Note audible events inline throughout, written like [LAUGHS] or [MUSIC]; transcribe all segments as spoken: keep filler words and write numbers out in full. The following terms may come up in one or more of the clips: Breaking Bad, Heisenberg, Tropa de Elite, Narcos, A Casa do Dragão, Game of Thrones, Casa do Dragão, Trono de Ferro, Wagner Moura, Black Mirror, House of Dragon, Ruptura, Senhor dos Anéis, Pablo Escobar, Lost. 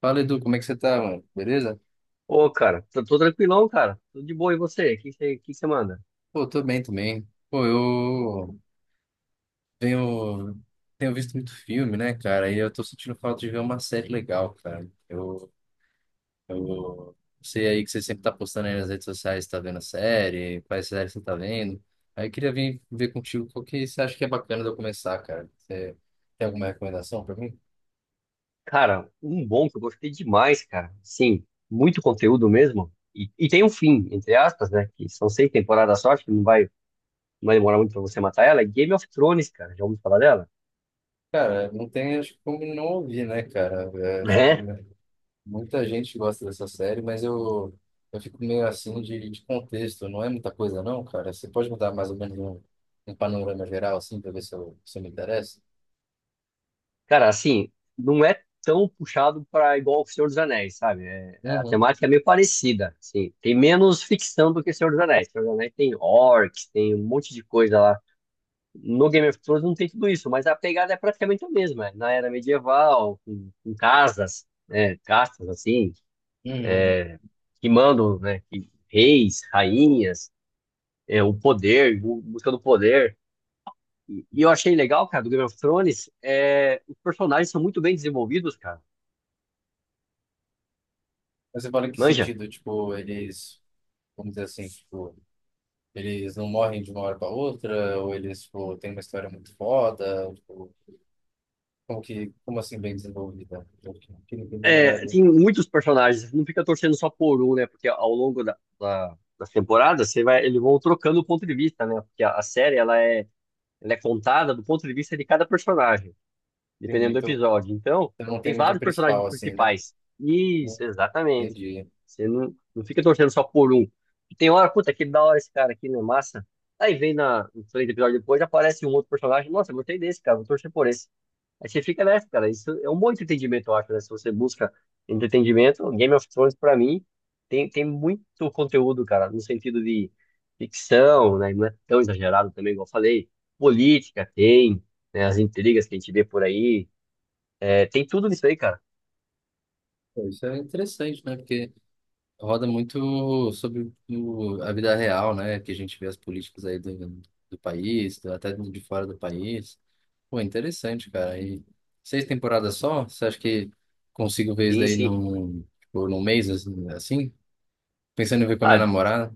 Fala, Edu, como é que você tá, mano? Beleza? Ô, cara, tô, tô tranquilão, cara. Tudo de boa. E você? O que você que você manda? Pô, tô bem também. Pô, eu tenho, tenho visto muito filme, né, cara? E eu tô sentindo falta de ver uma série legal, cara. Eu, eu sei aí que você sempre tá postando aí nas redes sociais, tá vendo série, quais séries você tá vendo. Aí eu queria vir ver contigo qual que você acha que é bacana de eu começar, cara. Você tem alguma recomendação pra mim? Cara, um bom que eu gostei demais, cara. Sim, muito conteúdo mesmo. E, e tem um fim, entre aspas, né? Que são seis temporadas só, acho que não vai, não vai demorar muito pra você matar ela. É Game of Thrones, cara. Já ouviu falar dela? Cara, não tem, acho que como não ouvir, né, cara? Eu acho que É. muita gente gosta dessa série, mas eu, eu fico meio assim de, de contexto. Não é muita coisa, não, cara. Você pode me dar mais ou menos um, um panorama geral, assim, pra ver se eu, se eu me interesso? Cara, assim, não é tão puxado pra igual o Senhor dos Anéis, sabe? É- a Uhum. temática é meio parecida, assim. Tem menos ficção do que Senhor dos Anéis. Senhor dos Anéis tem orcs, tem um monte de coisa lá. No Game of Thrones não tem tudo isso, mas a pegada é praticamente a mesma. é Na era medieval, com, com casas, né, castas assim, Uhum. que mandam, né, que- reis, rainhas, é, o poder, bu- busca do poder. E, e eu achei legal, cara, do Game of Thrones, é, os personagens são muito bem desenvolvidos, cara. Mas você fala em que Manja, sentido? Tipo, eles, vamos dizer assim, tipo, eles não morrem de uma hora para outra, ou eles, tipo, têm uma história muito foda, ou, tipo, como que, como assim bem desenvolvida? Eu queria entender melhor é, isso. tem muitos personagens, não fica torcendo só por um, né? Porque ao longo da, da, das temporadas, você vai, eles vão trocando o ponto de vista, né? Porque a, a série, ela é, ela é contada do ponto de vista de cada personagem Entendi. dependendo do Então, episódio. Então, então não tem tem muito um vários personagens principal, assim, né? principais. Isso, exatamente. Entendi. Você não, não fica torcendo só por um. E tem hora, puta, que da hora esse cara aqui, não é massa? Aí vem na, no três episódios depois, aparece um outro personagem. Nossa, eu gostei desse, cara, vou torcer por esse. Aí você fica nessa, cara. Isso é um bom entretenimento, eu acho, né? Se você busca entretenimento, Game of Thrones, pra mim, tem, tem muito conteúdo, cara, no sentido de ficção, né? Não é tão exagerado também, igual eu falei. Política tem, né? As intrigas que a gente vê por aí é, tem tudo isso aí, cara. Pô, isso é interessante, né? Porque roda muito sobre o- a vida real, né? Que a gente vê as políticas aí do, do país, do- até de fora do país. Pô, interessante, cara. E seis temporadas só? Você acha que consigo ver isso Sim, daí sim. num, tipo, num mês, assim? assim? Pensando em ver com a minha Ah, namorada?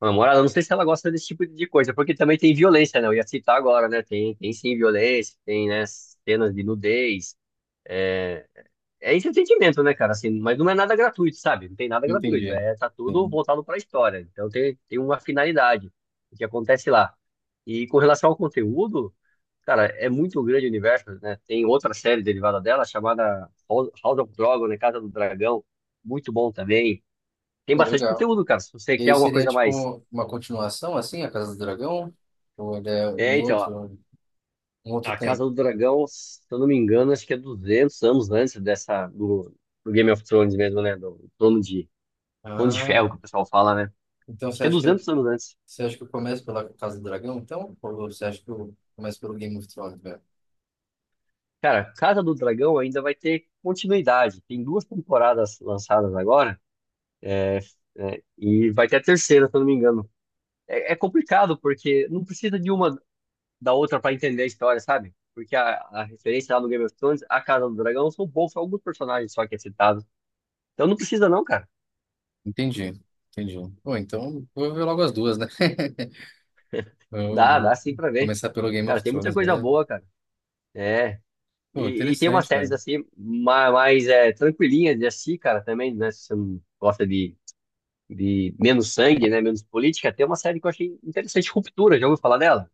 a namorada, não sei se ela gosta desse tipo de coisa, porque também tem violência, né? Eu ia citar agora, né? Tem, tem sim violência, tem, né, cenas de nudez. É, é entretenimento, né, cara? Assim, mas não é nada gratuito, sabe? Não tem nada gratuito. Entendi. É, tá tudo Sim. voltado pra história. Então tem, tem uma finalidade o que acontece lá. E com relação ao conteúdo, cara, é muito grande o universo, né? Tem outra série derivada dela chamada House House of Dragon, né? Casa do Dragão. Muito bom também. Tem Pô, bastante legal. conteúdo, cara, se você E quer aí alguma seria, coisa a mais. tipo, uma continuação, assim, A Casa do Dragão? Ou ele é É, um então, ó, outro, um outro a Casa tempo? do Dragão, se eu não me engano, acho que é duzentos anos antes dessa, do, do Game of Thrones mesmo, né? Do Trono de, Trono de Ah, Ferro, que o pessoal fala, né? então Acho você que é acha que eu duzentos anos antes. você acha que eu começo pela Casa do Dragão, então? Ou você acha que eu começo pelo Game of Thrones, velho? Cara, Casa do Dragão ainda vai ter continuidade. Tem duas temporadas lançadas agora, né? E vai ter a terceira, se eu não me engano. É, é complicado, porque não precisa de uma da outra para entender a história, sabe? Porque a, a referência lá no Game of Thrones, a Casa do Dragão, são poucos, alguns personagens só que é citado. Então não precisa não, cara. Entendi, entendi. Bom, então vou ver logo as duas, né? [LAUGHS] Eu Dá, vou dá sim pra ver. começar pelo Game of Cara, tem muita Thrones, coisa velho. boa, cara. É. Pô, E, e tem umas interessante, cara. séries assim, ma- mais, é, tranquilinhas de assistir, cara, também, né? Se você não gosta de, de, menos sangue, né? Menos política, tem uma série que eu achei interessante, Ruptura, já ouviu falar dela?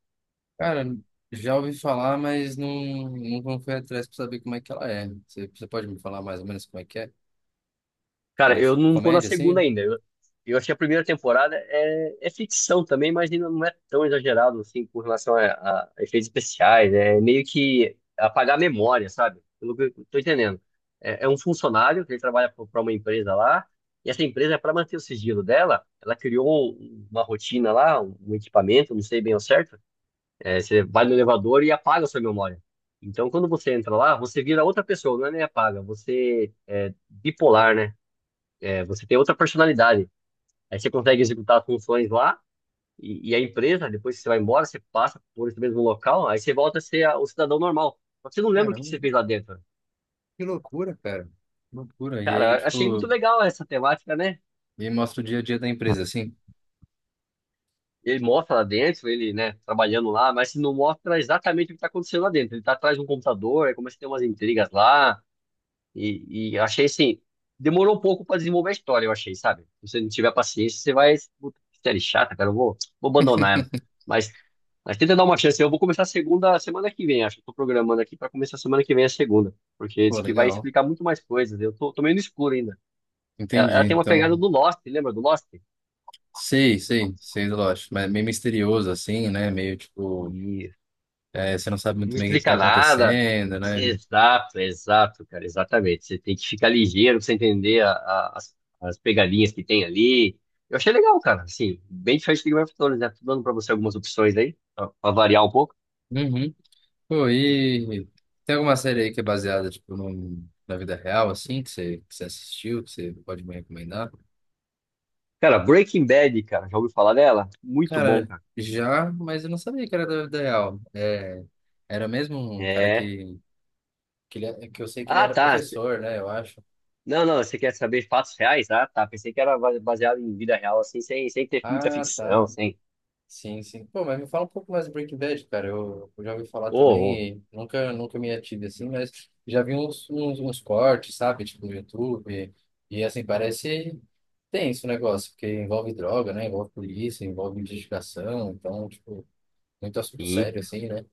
Cara, já ouvi falar, mas não, não fui atrás pra saber como é que ela é. Você, você pode me falar mais ou menos como é que é? Ela é Cara, de eu não tô na comédia, segunda assim? ainda. Eu, eu achei a primeira temporada é, é ficção também, mas ainda não é tão exagerado assim com relação a, a efeitos especiais. É meio que apagar a memória, sabe? Pelo que eu tô entendendo. É, é um funcionário que ele trabalha para uma empresa lá, e essa empresa, para manter o sigilo dela, ela criou um- uma rotina lá, um um equipamento, não sei bem ao certo. É, você vai no elevador e apaga a sua memória. Então, quando você entra lá, você vira outra pessoa, não é nem apaga, você bipolar, né? É, você tem outra personalidade. Aí você consegue executar as funções lá e, e a empresa, depois que você vai embora, você passa por esse mesmo local, aí você volta a ser a- o cidadão normal. Só que você não lembra o que você Caramba, fez lá dentro. que loucura, cara. Loucura. E aí, Cara, achei muito tipo, legal essa temática, né? me mostra o dia a dia da empresa, assim? Ele mostra lá dentro, ele, né, trabalhando lá, mas não mostra exatamente o que está acontecendo lá dentro. Ele tá atrás de um computador, aí começa a ter umas intrigas lá. E, e eu achei assim, demorou um pouco pra desenvolver a história, eu achei, sabe? Se você não tiver paciência, você vai. Puta, que série chata, cara, eu vou, vou, abandonar ela. Mas, mas tenta dar uma chance. Eu vou começar a segunda semana que vem, acho que eu tô programando aqui pra começar semana que vem a segunda. Porque Pô, diz que vai legal. explicar muito mais coisas. Eu tô, tô meio no escuro ainda. Ela, Entendi, ela tem uma então. pegada do Lost, lembra do Lost? Sei, sei, sei do Lost, mas meio misterioso assim, né? Meio tipo, E é, você não sabe não muito bem o que que tá explica nada. acontecendo, né? Exato, exato, cara, exatamente. Você tem que ficar ligeiro pra você entender a- a- as, as pegadinhas que tem ali. Eu achei legal, cara, assim, bem diferente do Game of Thrones, né? Tô dando pra você algumas opções aí, pra, pra, variar um pouco. Uhum. Pô, e tem alguma série aí que é baseada tipo num- na vida real assim, que você, que você assistiu, que você pode me recomendar? Cara, Breaking Bad, cara, já ouviu falar dela? Muito bom, Cara, cara. já, mas eu não sabia que era da vida real. É, era mesmo um cara É. que que, ele, é- que eu sei que ele Ah, era tá. cê- professor, né? Eu acho. Não, não, você quer saber fatos reais? Ah, tá. Pensei que era ba- baseado em vida real, assim, sem, sem ter muita Ah, ficção, tá. sem. Sim, sim. Pô, mas me fala um pouco mais do Breaking Bad, cara. Eu, eu já ouvi falar Ô, ô, também, e nunca, nunca me ative assim, mas já vi uns, uns, uns cortes, sabe? Tipo, no YouTube. E assim, parece tenso o negócio, porque envolve droga, né? Envolve polícia, envolve investigação. Então, tipo, muito assunto sim. sério, assim, né?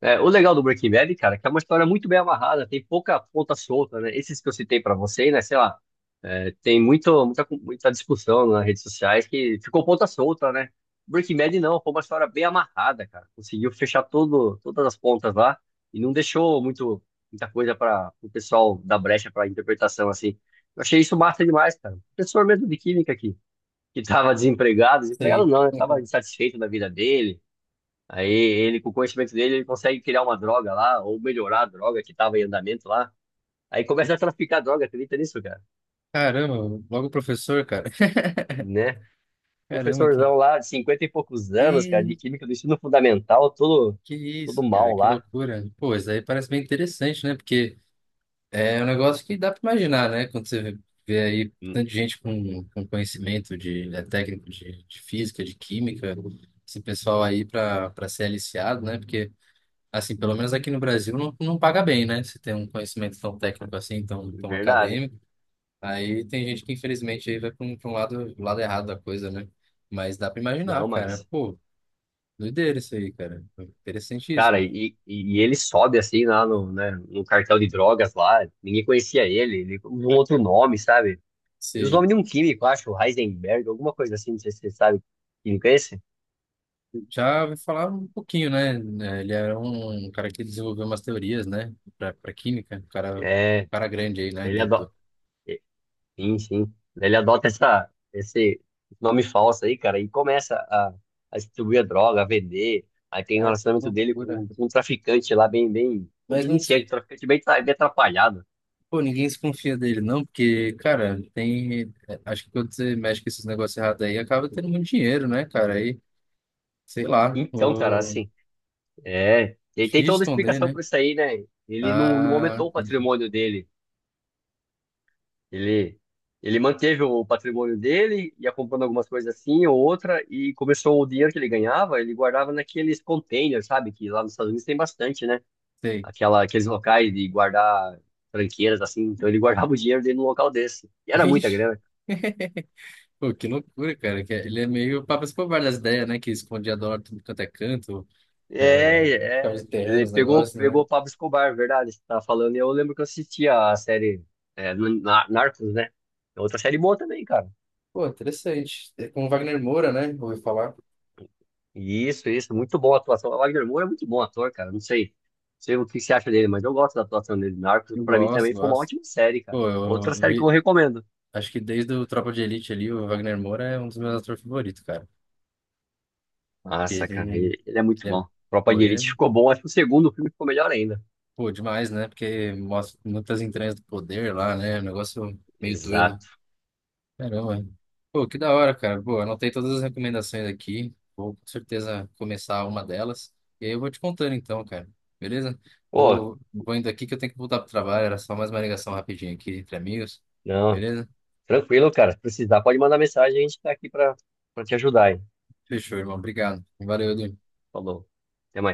É, o legal do Breaking Bad, cara, é que é uma história muito bem amarrada, tem pouca ponta solta, né? Esses que eu citei pra você, né? Sei lá, é, tem muito, muita, muita discussão nas redes sociais que ficou ponta solta, né? Breaking Bad não, foi uma história bem amarrada, cara. Conseguiu fechar todo, todas as pontas lá e não deixou muito, muita coisa para o pessoal dar brecha para interpretação, assim. Eu achei isso massa demais, cara. Professor mesmo de química aqui, que tava desempregado, desempregado Sei. não, né? Tava insatisfeito da vida dele. Aí ele, com o conhecimento dele, ele consegue criar uma droga lá, ou melhorar a droga que estava em andamento lá. Aí começa a traficar droga, acredita nisso, cara? [LAUGHS] Caramba, logo professor, cara. Né? [LAUGHS] Caramba, que. Professorzão lá, de cinquenta e poucos anos, cara, de Ih, química do ensino fundamental, todo, que todo isso, cara, mal que lá. loucura. Pô, isso aí parece bem interessante, né? Porque. É um negócio que dá para imaginar, né? Quando você vê aí Hum. tanta gente com, com conhecimento de, né, técnico de, de física, de química, esse pessoal aí para para ser aliciado, né? Porque, assim, pelo menos aqui no Brasil não, não paga bem, né? Se tem um conhecimento tão técnico assim, tão, tão Verdade. acadêmico, aí tem gente que infelizmente aí vai para um, pra um lado, lado errado da coisa, né? Mas dá para Não, imaginar, cara. mas, Pô, doideira isso aí, cara. cara, Interessantíssimo. e, e e ele sobe assim lá no, né, no cartel de drogas lá, ninguém conhecia ele, ele usa um outro nome, sabe? E os Sim. nomes de um químico, acho, Heisenberg, alguma coisa assim, não sei se você sabe que químico é esse. Já ouvi falar um pouquinho, né? Eh, Ele era um cara que desenvolveu umas teorias, né? Para para química, um cara, É, cara grande aí, né? ele Dentro adora. do... Sim, sim. Ele adota essa, esse nome falso aí, cara, e começa a, a distribuir a droga, a vender. Aí tem o Ah, que relacionamento dele loucura. com, com um traficante lá, bem, bem, como Mas não, des- iniciante, um traficante bem, tra- bem atrapalhado. pô, ninguém se confia dele, não, porque, cara, tem. eh, Acho que quando você mexe com esses negócios errados aí, acaba tendo muito dinheiro, né, cara? Aí, sei lá, Então, cara, o... assim, é. Ele tem difícil toda a esconder, explicação né? pra isso aí, né? Ele não, não, Ah, aumentou o patrimônio dele. Ele, ele manteve o patrimônio dele, ia comprando algumas coisas assim ou outra, e começou o dinheiro que ele ganhava, ele guardava naqueles containers, sabe? Que lá nos Estados Unidos tem bastante, né? sei. aquela, aqueles locais de guardar tranqueiras, assim. Então ele guardava o dinheiro dele num local desse. E [LAUGHS] era muita Vixe, grana. pô, que loucura, cara. que é, Ele é meio papas por várias ideias, né? Que escondia dólar tudo quanto é canto. É, ficava É, é. enterrando Ele os pegou, negócios, pegou né? o Pablo Escobar, verdade, você tá falando. E eu lembro que eu assistia a série é, no- na- Narcos, né? É outra série boa também, cara. Pô, interessante. É com o Wagner Moura, né? Ouvi falar. Isso, isso. Muito boa a atuação. O Wagner Moura é muito bom ator, cara. Não sei, não sei, o que você acha dele, mas eu gosto da atuação dele. Narcos, Eu pra mim, gosto, também foi uma gosto. ótima série, cara. Pô, Outra eu série que eu vi. recomendo. Acho que desde o Tropa de Elite ali, o Wagner Moura é um dos meus atores favoritos, cara. Porque Nossa, cara, Ele, ele, ele é muito ele é, bom. Tropa pô, de ele Elite é, ficou bom. Acho que o segundo filme ficou melhor ainda. pô, demais, né? Porque mostra muitas entranhas do poder lá, né? É um negócio meio doido. Exato. Caramba. Pô, que da hora, cara. Pô, anotei todas as recomendações aqui. Vou com certeza começar uma delas. E aí eu vou te contando então, cara. Beleza? Pô, Vou, vou indo aqui que eu tenho que voltar pro trabalho. Era só mais uma ligação rapidinha aqui entre amigos. não, Beleza? tranquilo, cara. Se precisar, pode mandar mensagem, a gente tá aqui pra, pra, te ajudar, hein? Fechou, irmão. Obrigado. Valeu, Edu. Falou. Até mais.